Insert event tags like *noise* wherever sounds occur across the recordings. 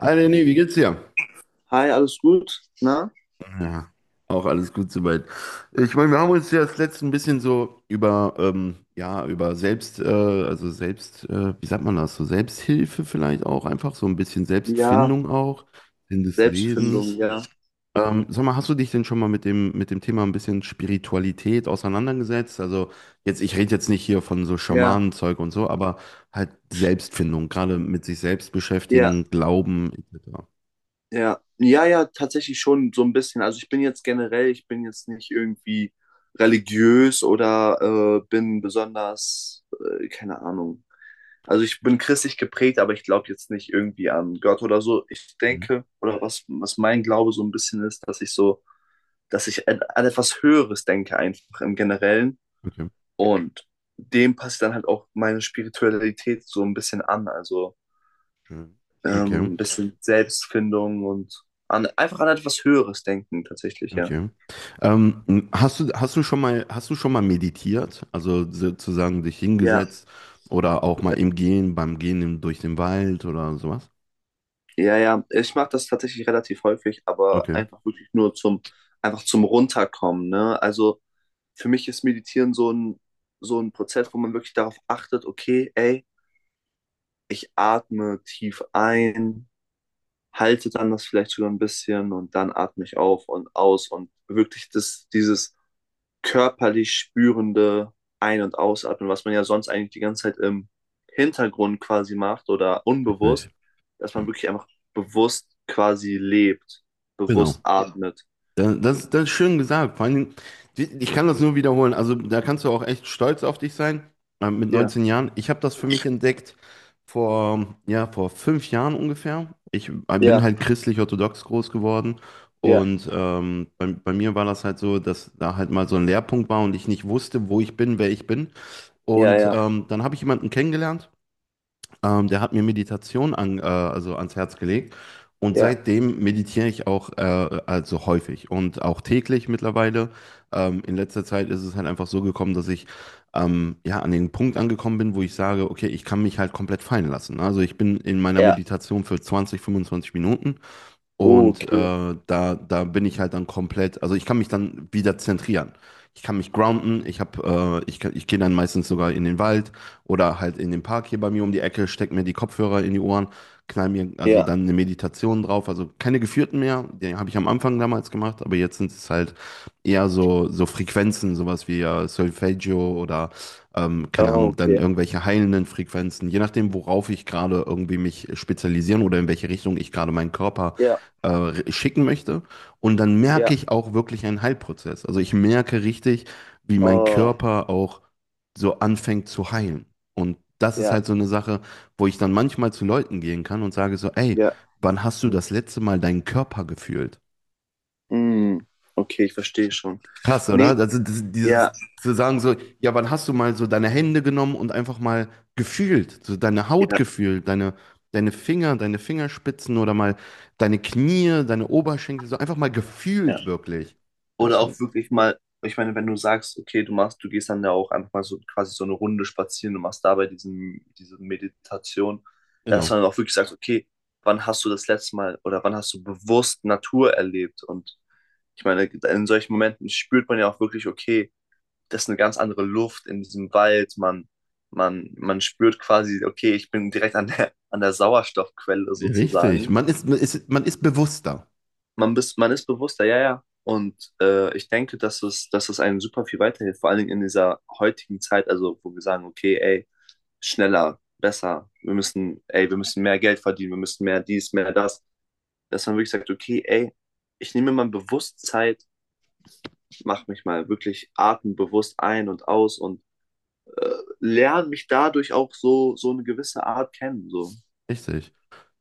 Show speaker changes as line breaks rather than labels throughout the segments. Hi Lenny, wie geht's dir?
Hi, alles gut? Na?
Ja, auch alles gut soweit. Ich meine, wir haben uns ja das letzte ein bisschen so über, ja, über Selbst, also Selbst, wie sagt man das, so Selbsthilfe vielleicht auch, einfach so ein bisschen
Ja,
Selbstfindung auch, Sinn des
Selbstfindung,
Lebens.
ja.
Sag mal, hast du dich denn schon mal mit dem Thema ein bisschen Spiritualität auseinandergesetzt? Also jetzt, ich rede jetzt nicht hier von so
Ja,
Schamanenzeug und so, aber halt Selbstfindung, gerade mit sich selbst
ja,
beschäftigen, Glauben etc.
ja. Ja, ja, tatsächlich schon so ein bisschen. Also ich bin jetzt generell, ich bin jetzt nicht irgendwie religiös oder bin besonders, keine Ahnung. Also ich bin christlich geprägt, aber ich glaube jetzt nicht irgendwie an Gott oder so. Ich
Mhm.
denke, oder was, was mein Glaube so ein bisschen ist, dass ich so, dass ich an etwas Höheres denke einfach im Generellen. Und dem passt dann halt auch meine Spiritualität so ein bisschen an. Also
Mhm. Okay,
ein bisschen Selbstfindung und an, einfach an etwas Höheres denken tatsächlich, ja.
okay. Hast hast du schon mal meditiert? Also sozusagen dich
Ja,
hingesetzt oder auch mal im Gehen, beim Gehen durch den Wald oder sowas?
ja, ja. Ich mache das tatsächlich relativ häufig, aber
Okay,
einfach wirklich nur zum, einfach zum Runterkommen, ne? Also für mich ist Meditieren so ein Prozess, wo man wirklich darauf achtet, okay, ey, ich atme tief ein, halte dann das vielleicht sogar ein bisschen und dann atme ich auf und aus und wirklich das, dieses körperlich spürende Ein- und Ausatmen, was man ja sonst eigentlich die ganze Zeit im Hintergrund quasi macht oder
richtig.
unbewusst, dass man wirklich einfach bewusst quasi lebt, bewusst
Genau.
atmet.
Das ist schön gesagt. Vor allen Dingen, ich kann das nur wiederholen. Also da kannst du auch echt stolz auf dich sein, mit
Ja,
19 Jahren. Ich habe das für mich entdeckt vor 5 Jahren ungefähr. Ich bin
ja,
halt christlich-orthodox groß geworden.
ja,
Und bei mir war das halt so, dass da halt mal so ein Leerpunkt war und ich nicht wusste, wo ich bin, wer ich bin.
ja,
Und
ja,
dann habe ich jemanden kennengelernt. Der hat mir Meditation also ans Herz gelegt und
ja,
seitdem meditiere ich auch also häufig und auch täglich mittlerweile. In letzter Zeit ist es halt einfach so gekommen, dass ich ja an den Punkt angekommen bin, wo ich sage, okay, ich kann mich halt komplett fallen lassen. Also ich bin in meiner
ja,
Meditation für 20, 25 Minuten und
okay,
da bin ich halt dann komplett, also ich kann mich dann wieder zentrieren. Ich kann mich grounden, ich hab, ich, kann- ich gehe dann meistens sogar in den Wald oder halt in den Park hier bei mir um die Ecke, steck mir die Kopfhörer in die Ohren, knall mir also
ja,
dann eine Meditation drauf, also keine geführten mehr, die habe ich am Anfang damals gemacht, aber jetzt sind es halt eher so, so Frequenzen, sowas wie Solfeggio oder keine Ahnung, dann
okay,
irgendwelche heilenden Frequenzen, je nachdem, worauf ich gerade irgendwie mich spezialisieren oder in welche Richtung ich gerade meinen Körper
ja,
schicken möchte. Und dann merke
ja,
ich auch wirklich einen Heilprozess. Also ich merke richtig, wie mein
oh,
Körper auch so anfängt zu heilen. Und das ist
ja,
halt so eine Sache, wo ich dann manchmal zu Leuten gehen kann und sage so, ey,
ja,
wann hast du das letzte Mal deinen Körper gefühlt?
mm, okay, ich verstehe schon.
Krass, oder?
Nee,
Also das, dieses
ja,
zu sagen so, ja, wann hast du mal so deine Hände genommen und einfach mal gefühlt, so deine Haut
ja,
gefühlt, deine Finger, deine Fingerspitzen oder mal deine Knie, deine Oberschenkel, so einfach mal
ja.
gefühlt wirklich. Ja,
Oder
schon,
auch wirklich mal, ich meine, wenn du sagst, okay, du machst, du gehst dann ja auch einfach mal so quasi so eine Runde spazieren, du machst dabei diesen, diese Meditation, dass
genau.
man auch wirklich sagt, okay, wann hast du das letzte Mal oder wann hast du bewusst Natur erlebt? Und ich meine, in solchen Momenten spürt man ja auch wirklich, okay, das ist eine ganz andere Luft in diesem Wald, man, man spürt quasi, okay, ich bin direkt an der Sauerstoffquelle
Richtig.
sozusagen.
Man ist bewusster.
Man, bist, man ist bewusster, ja, ja. Und ich denke, dass es einem super viel weiterhilft, vor allen Dingen in dieser heutigen Zeit, also wo wir sagen, okay, ey, schneller, besser, wir müssen, ey, wir müssen mehr Geld verdienen, wir müssen mehr dies, mehr das, dass man wirklich sagt, okay, ey, ich nehme mal bewusst Zeit, mache mich mal wirklich atembewusst ein und aus und äh, lerne mich dadurch auch so, so eine gewisse Art kennen. So.
Richtig.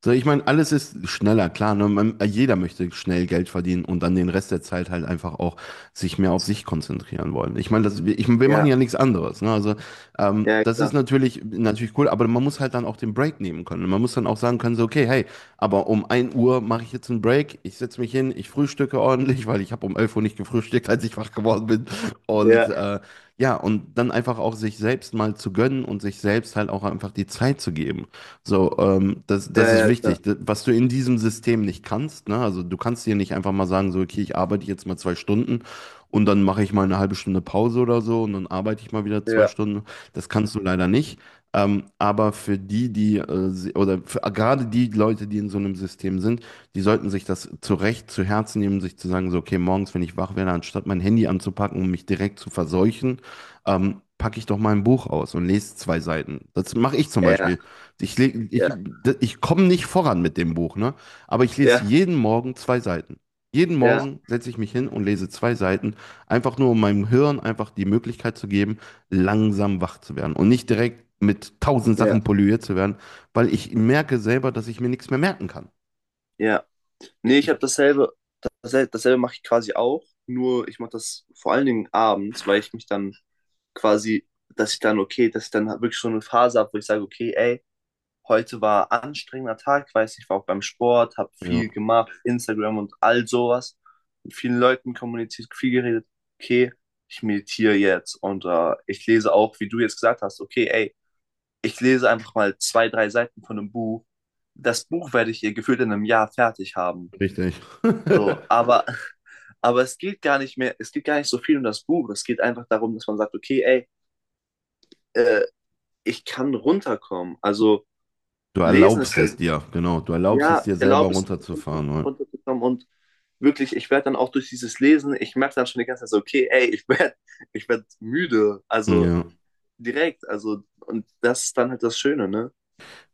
So, ich meine, alles ist schneller, klar. Ne? Jeder möchte schnell Geld verdienen und dann den Rest der Zeit halt einfach auch sich mehr auf sich konzentrieren wollen. Ich meine, wir machen ja
Ja,
nichts anderes. Ne? Also,
ja,
das ist
klar.
natürlich, natürlich cool, aber man muss halt dann auch den Break nehmen können. Man muss dann auch sagen können, so, okay, hey, aber um 1 Uhr mache ich jetzt einen Break, ich setze mich hin, ich frühstücke ordentlich, *laughs* weil ich habe um 11 Uhr nicht gefrühstückt, als ich wach geworden bin. Und
Ja,
ja, und dann einfach auch sich selbst mal zu gönnen und sich selbst halt auch einfach die Zeit zu geben. So, das
ja,
ist
ja, klar.
wichtig. Was du in diesem System nicht kannst, ne? Also du kannst dir nicht einfach mal sagen, so, okay, ich arbeite jetzt mal 2 Stunden und dann mache ich mal eine halbe Stunde Pause oder so und dann arbeite ich mal wieder zwei
Ja,
Stunden. Das kannst du leider nicht. Aber für die, die, se- oder für, gerade die Leute, die in so einem System sind, die sollten sich das zu Recht zu Herzen nehmen, sich zu sagen, so, okay, morgens, wenn ich wach werde, anstatt mein Handy anzupacken und mich direkt zu verseuchen, packe ich doch mal ein Buch aus und lese zwei Seiten. Das mache ich zum
ja,
Beispiel. Ich, leg-
ja,
ich, Ich komme nicht voran mit dem Buch, ne? Aber ich lese
ja,
jeden Morgen zwei Seiten. Jeden
ja,
Morgen setze ich mich hin und lese zwei Seiten, einfach nur um meinem Hirn einfach die Möglichkeit zu geben, langsam wach zu werden und nicht direkt mit tausend
ja.
Sachen polluiert zu werden, weil ich merke selber, dass ich mir nichts mehr merken kann.
Ja.
Ich,
Nee, ich habe
ich,
dasselbe, dasselbe, dasselbe mache ich quasi auch, nur ich mache das vor allen Dingen abends, weil ich mich dann quasi, dass ich dann, okay, dass ich dann halt wirklich schon eine Phase habe, wo ich sage, okay, ey, heute war ein anstrengender Tag, weiß ich war auch beim Sport, habe
ja,
viel gemacht, Instagram und all sowas, mit vielen Leuten kommuniziert, viel geredet, okay, ich meditiere jetzt und ich lese auch, wie du jetzt gesagt hast, okay, ey, ich lese einfach mal zwei, drei Seiten von einem Buch. Das Buch werde ich ihr gefühlt in einem Jahr fertig haben.
richtig.
So,
*laughs*
aber, *laughs* aber es geht gar nicht mehr, es geht gar nicht so viel um das Buch. Es geht einfach darum, dass man sagt, okay, ey, äh, ich kann runterkommen. Also
Du
lesen ist
erlaubst
ja
es
so,
dir, genau. Du erlaubst es
ja, ich
dir selber
erlaube es, mir,
runterzufahren. Ne?
runterzukommen und wirklich, ich werde dann auch durch dieses Lesen, ich merke dann schon die ganze Zeit so, okay, ey, ich werd müde. Also
Ja.
direkt, also, und das ist dann halt das Schöne, ne?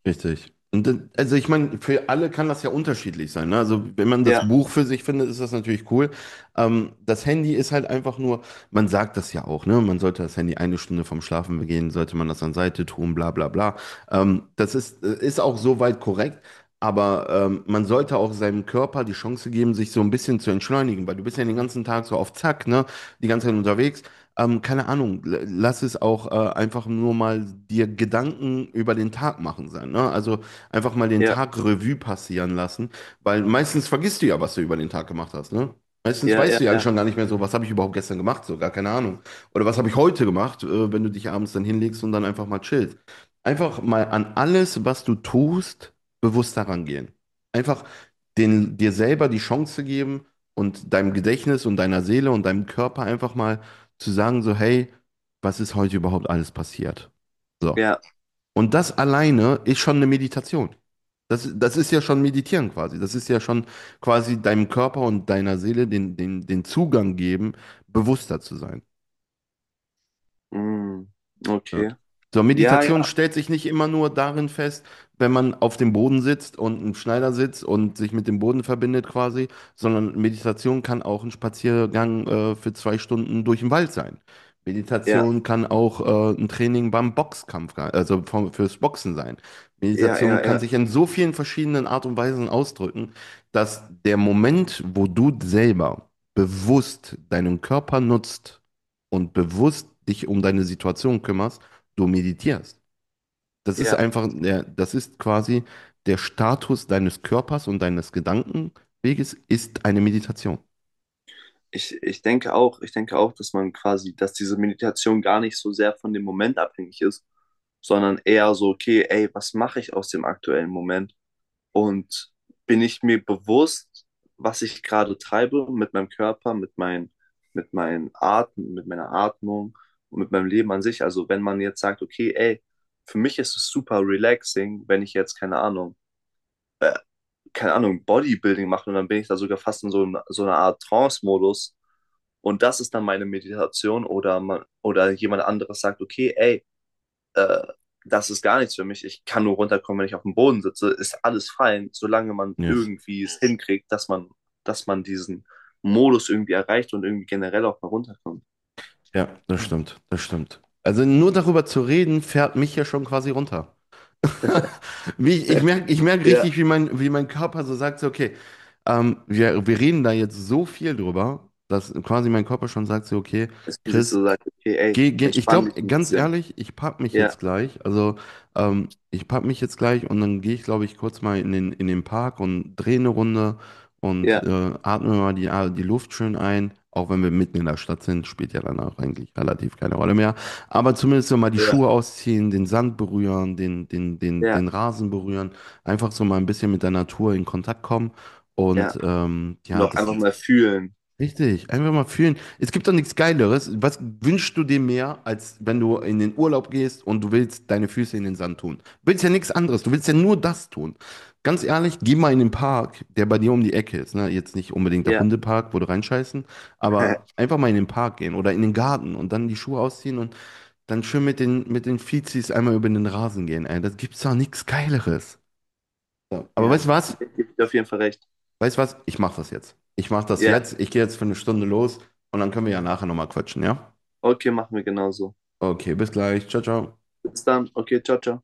Richtig. Und dann, also ich meine, für alle kann das ja unterschiedlich sein. Ne? Also wenn man das
Ja,
Buch für sich findet, ist das natürlich cool. Das Handy ist halt einfach nur, man sagt das ja auch, ne? Man sollte das Handy eine Stunde vorm Schlafen gehen, sollte man das an Seite tun, bla bla bla. Das ist auch soweit korrekt. Aber man sollte auch seinem Körper die Chance geben, sich so ein bisschen zu entschleunigen, weil du bist ja den ganzen Tag so auf Zack, ne? Die ganze Zeit unterwegs. Keine Ahnung, lass es auch einfach nur mal dir Gedanken über den Tag machen sein, ne? Also einfach mal den
ja,
Tag Revue passieren lassen, weil meistens vergisst du ja, was du über den Tag gemacht hast, ne? Meistens
ja, ja,
weißt du ja
ja,
schon gar nicht mehr so, was habe ich überhaupt gestern gemacht, so gar keine Ahnung. Oder was habe ich heute gemacht, wenn du dich abends dann hinlegst und dann einfach mal chillst. Einfach mal an alles, was du tust, bewusst daran gehen. Einfach dir selber die Chance geben und deinem Gedächtnis und deiner Seele und deinem Körper einfach mal zu sagen, so, hey, was ist heute überhaupt alles passiert? So.
ja.
Und das alleine ist schon eine Meditation. Das ist ja schon Meditieren quasi. Das ist ja schon quasi deinem Körper und deiner Seele den Zugang geben, bewusster zu sein.
Mm,
Ja.
okay.
So,
Ja,
Meditation
ja,
stellt sich nicht immer nur darin fest, wenn man auf dem Boden sitzt und im Schneidersitz und sich mit dem Boden verbindet quasi, sondern Meditation kann auch ein Spaziergang für 2 Stunden durch den Wald sein.
ja,
Meditation kann auch ein Training beim Boxkampf, fürs Boxen sein.
ja, ja,
Meditation
ja,
kann sich in so vielen verschiedenen Art und Weisen ausdrücken, dass der Moment, wo du selber bewusst deinen Körper nutzt und bewusst dich um deine Situation kümmerst, du meditierst. Das ist
ja.
einfach, das ist quasi der Status deines Körpers und deines Gedankenweges ist eine Meditation.
Ich denke auch, ich denke auch, dass man quasi, dass diese Meditation gar nicht so sehr von dem Moment abhängig ist, sondern eher so, okay, ey, was mache ich aus dem aktuellen Moment? Und bin ich mir bewusst, was ich gerade treibe mit meinem Körper, mit meinen Atmen, mit meiner Atmung und mit meinem Leben an sich? Also wenn man jetzt sagt, okay, ey, für mich ist es super relaxing, wenn ich jetzt, keine Ahnung, keine Ahnung, Bodybuilding mache und dann bin ich da sogar fast in so einer Art Trance-Modus und das ist dann meine Meditation oder man, oder jemand anderes sagt, okay, ey, äh, das ist gar nichts für mich. Ich kann nur runterkommen, wenn ich auf dem Boden sitze. Ist alles fein, solange man
Yes.
irgendwie es hinkriegt, dass man diesen Modus irgendwie erreicht und irgendwie generell auch mal runterkommt.
Ja, das stimmt, das stimmt. Also nur darüber zu reden, fährt mich ja schon quasi runter. *laughs* Wie ich, ich merke, Ich merk richtig,
Ja.
wie mein Körper so sagt, so, okay, wir reden da jetzt so viel drüber, dass quasi mein Körper schon sagt, so, okay,
Dass man sich
Chris,
so sagt, okay, ey,
geh, geh, ich
entspann dich
glaube,
ein
ganz
bisschen.
ehrlich, ich pack mich jetzt
Ja,
gleich. Also, ich pack mich jetzt gleich und dann gehe ich, glaube ich, kurz mal in den Park und drehe eine Runde und
ja,
atme mal die Luft schön ein. Auch wenn wir mitten in der Stadt sind, spielt ja dann auch eigentlich relativ keine Rolle mehr. Aber zumindest so mal die Schuhe
ja,
ausziehen, den Sand berühren, den, den, den,
ja,
den Rasen berühren. Einfach so mal ein bisschen mit der Natur in Kontakt kommen.
ja.
Und
Und
ja,
auch einfach mal fühlen.
richtig, einfach mal fühlen. Es gibt doch nichts Geileres. Was wünschst du dir mehr, als wenn du in den Urlaub gehst und du willst deine Füße in den Sand tun? Du willst ja nichts anderes, du willst ja nur das tun. Ganz ehrlich, geh mal in den Park, der bei dir um die Ecke ist. Ne? Jetzt nicht unbedingt der
Ja,
Hundepark, wo du reinscheißen, aber
*laughs*
einfach mal in den Park gehen oder in den Garten und dann die Schuhe ausziehen und dann schön mit den Fizis einmal über den Rasen gehen. Ey, das gibt's doch nichts Geileres. Ja. Aber
ja.
weißt du was?
Ich gebe dir auf jeden Fall recht.
Weißt du was? Ich mache das jetzt. Ich mache das
Ja,
jetzt. Ich gehe jetzt für eine Stunde los und dann können wir ja nachher nochmal quatschen, ja?
okay, machen wir genauso.
Okay, bis gleich. Ciao, ciao.
Bis dann. Okay, ciao, ciao.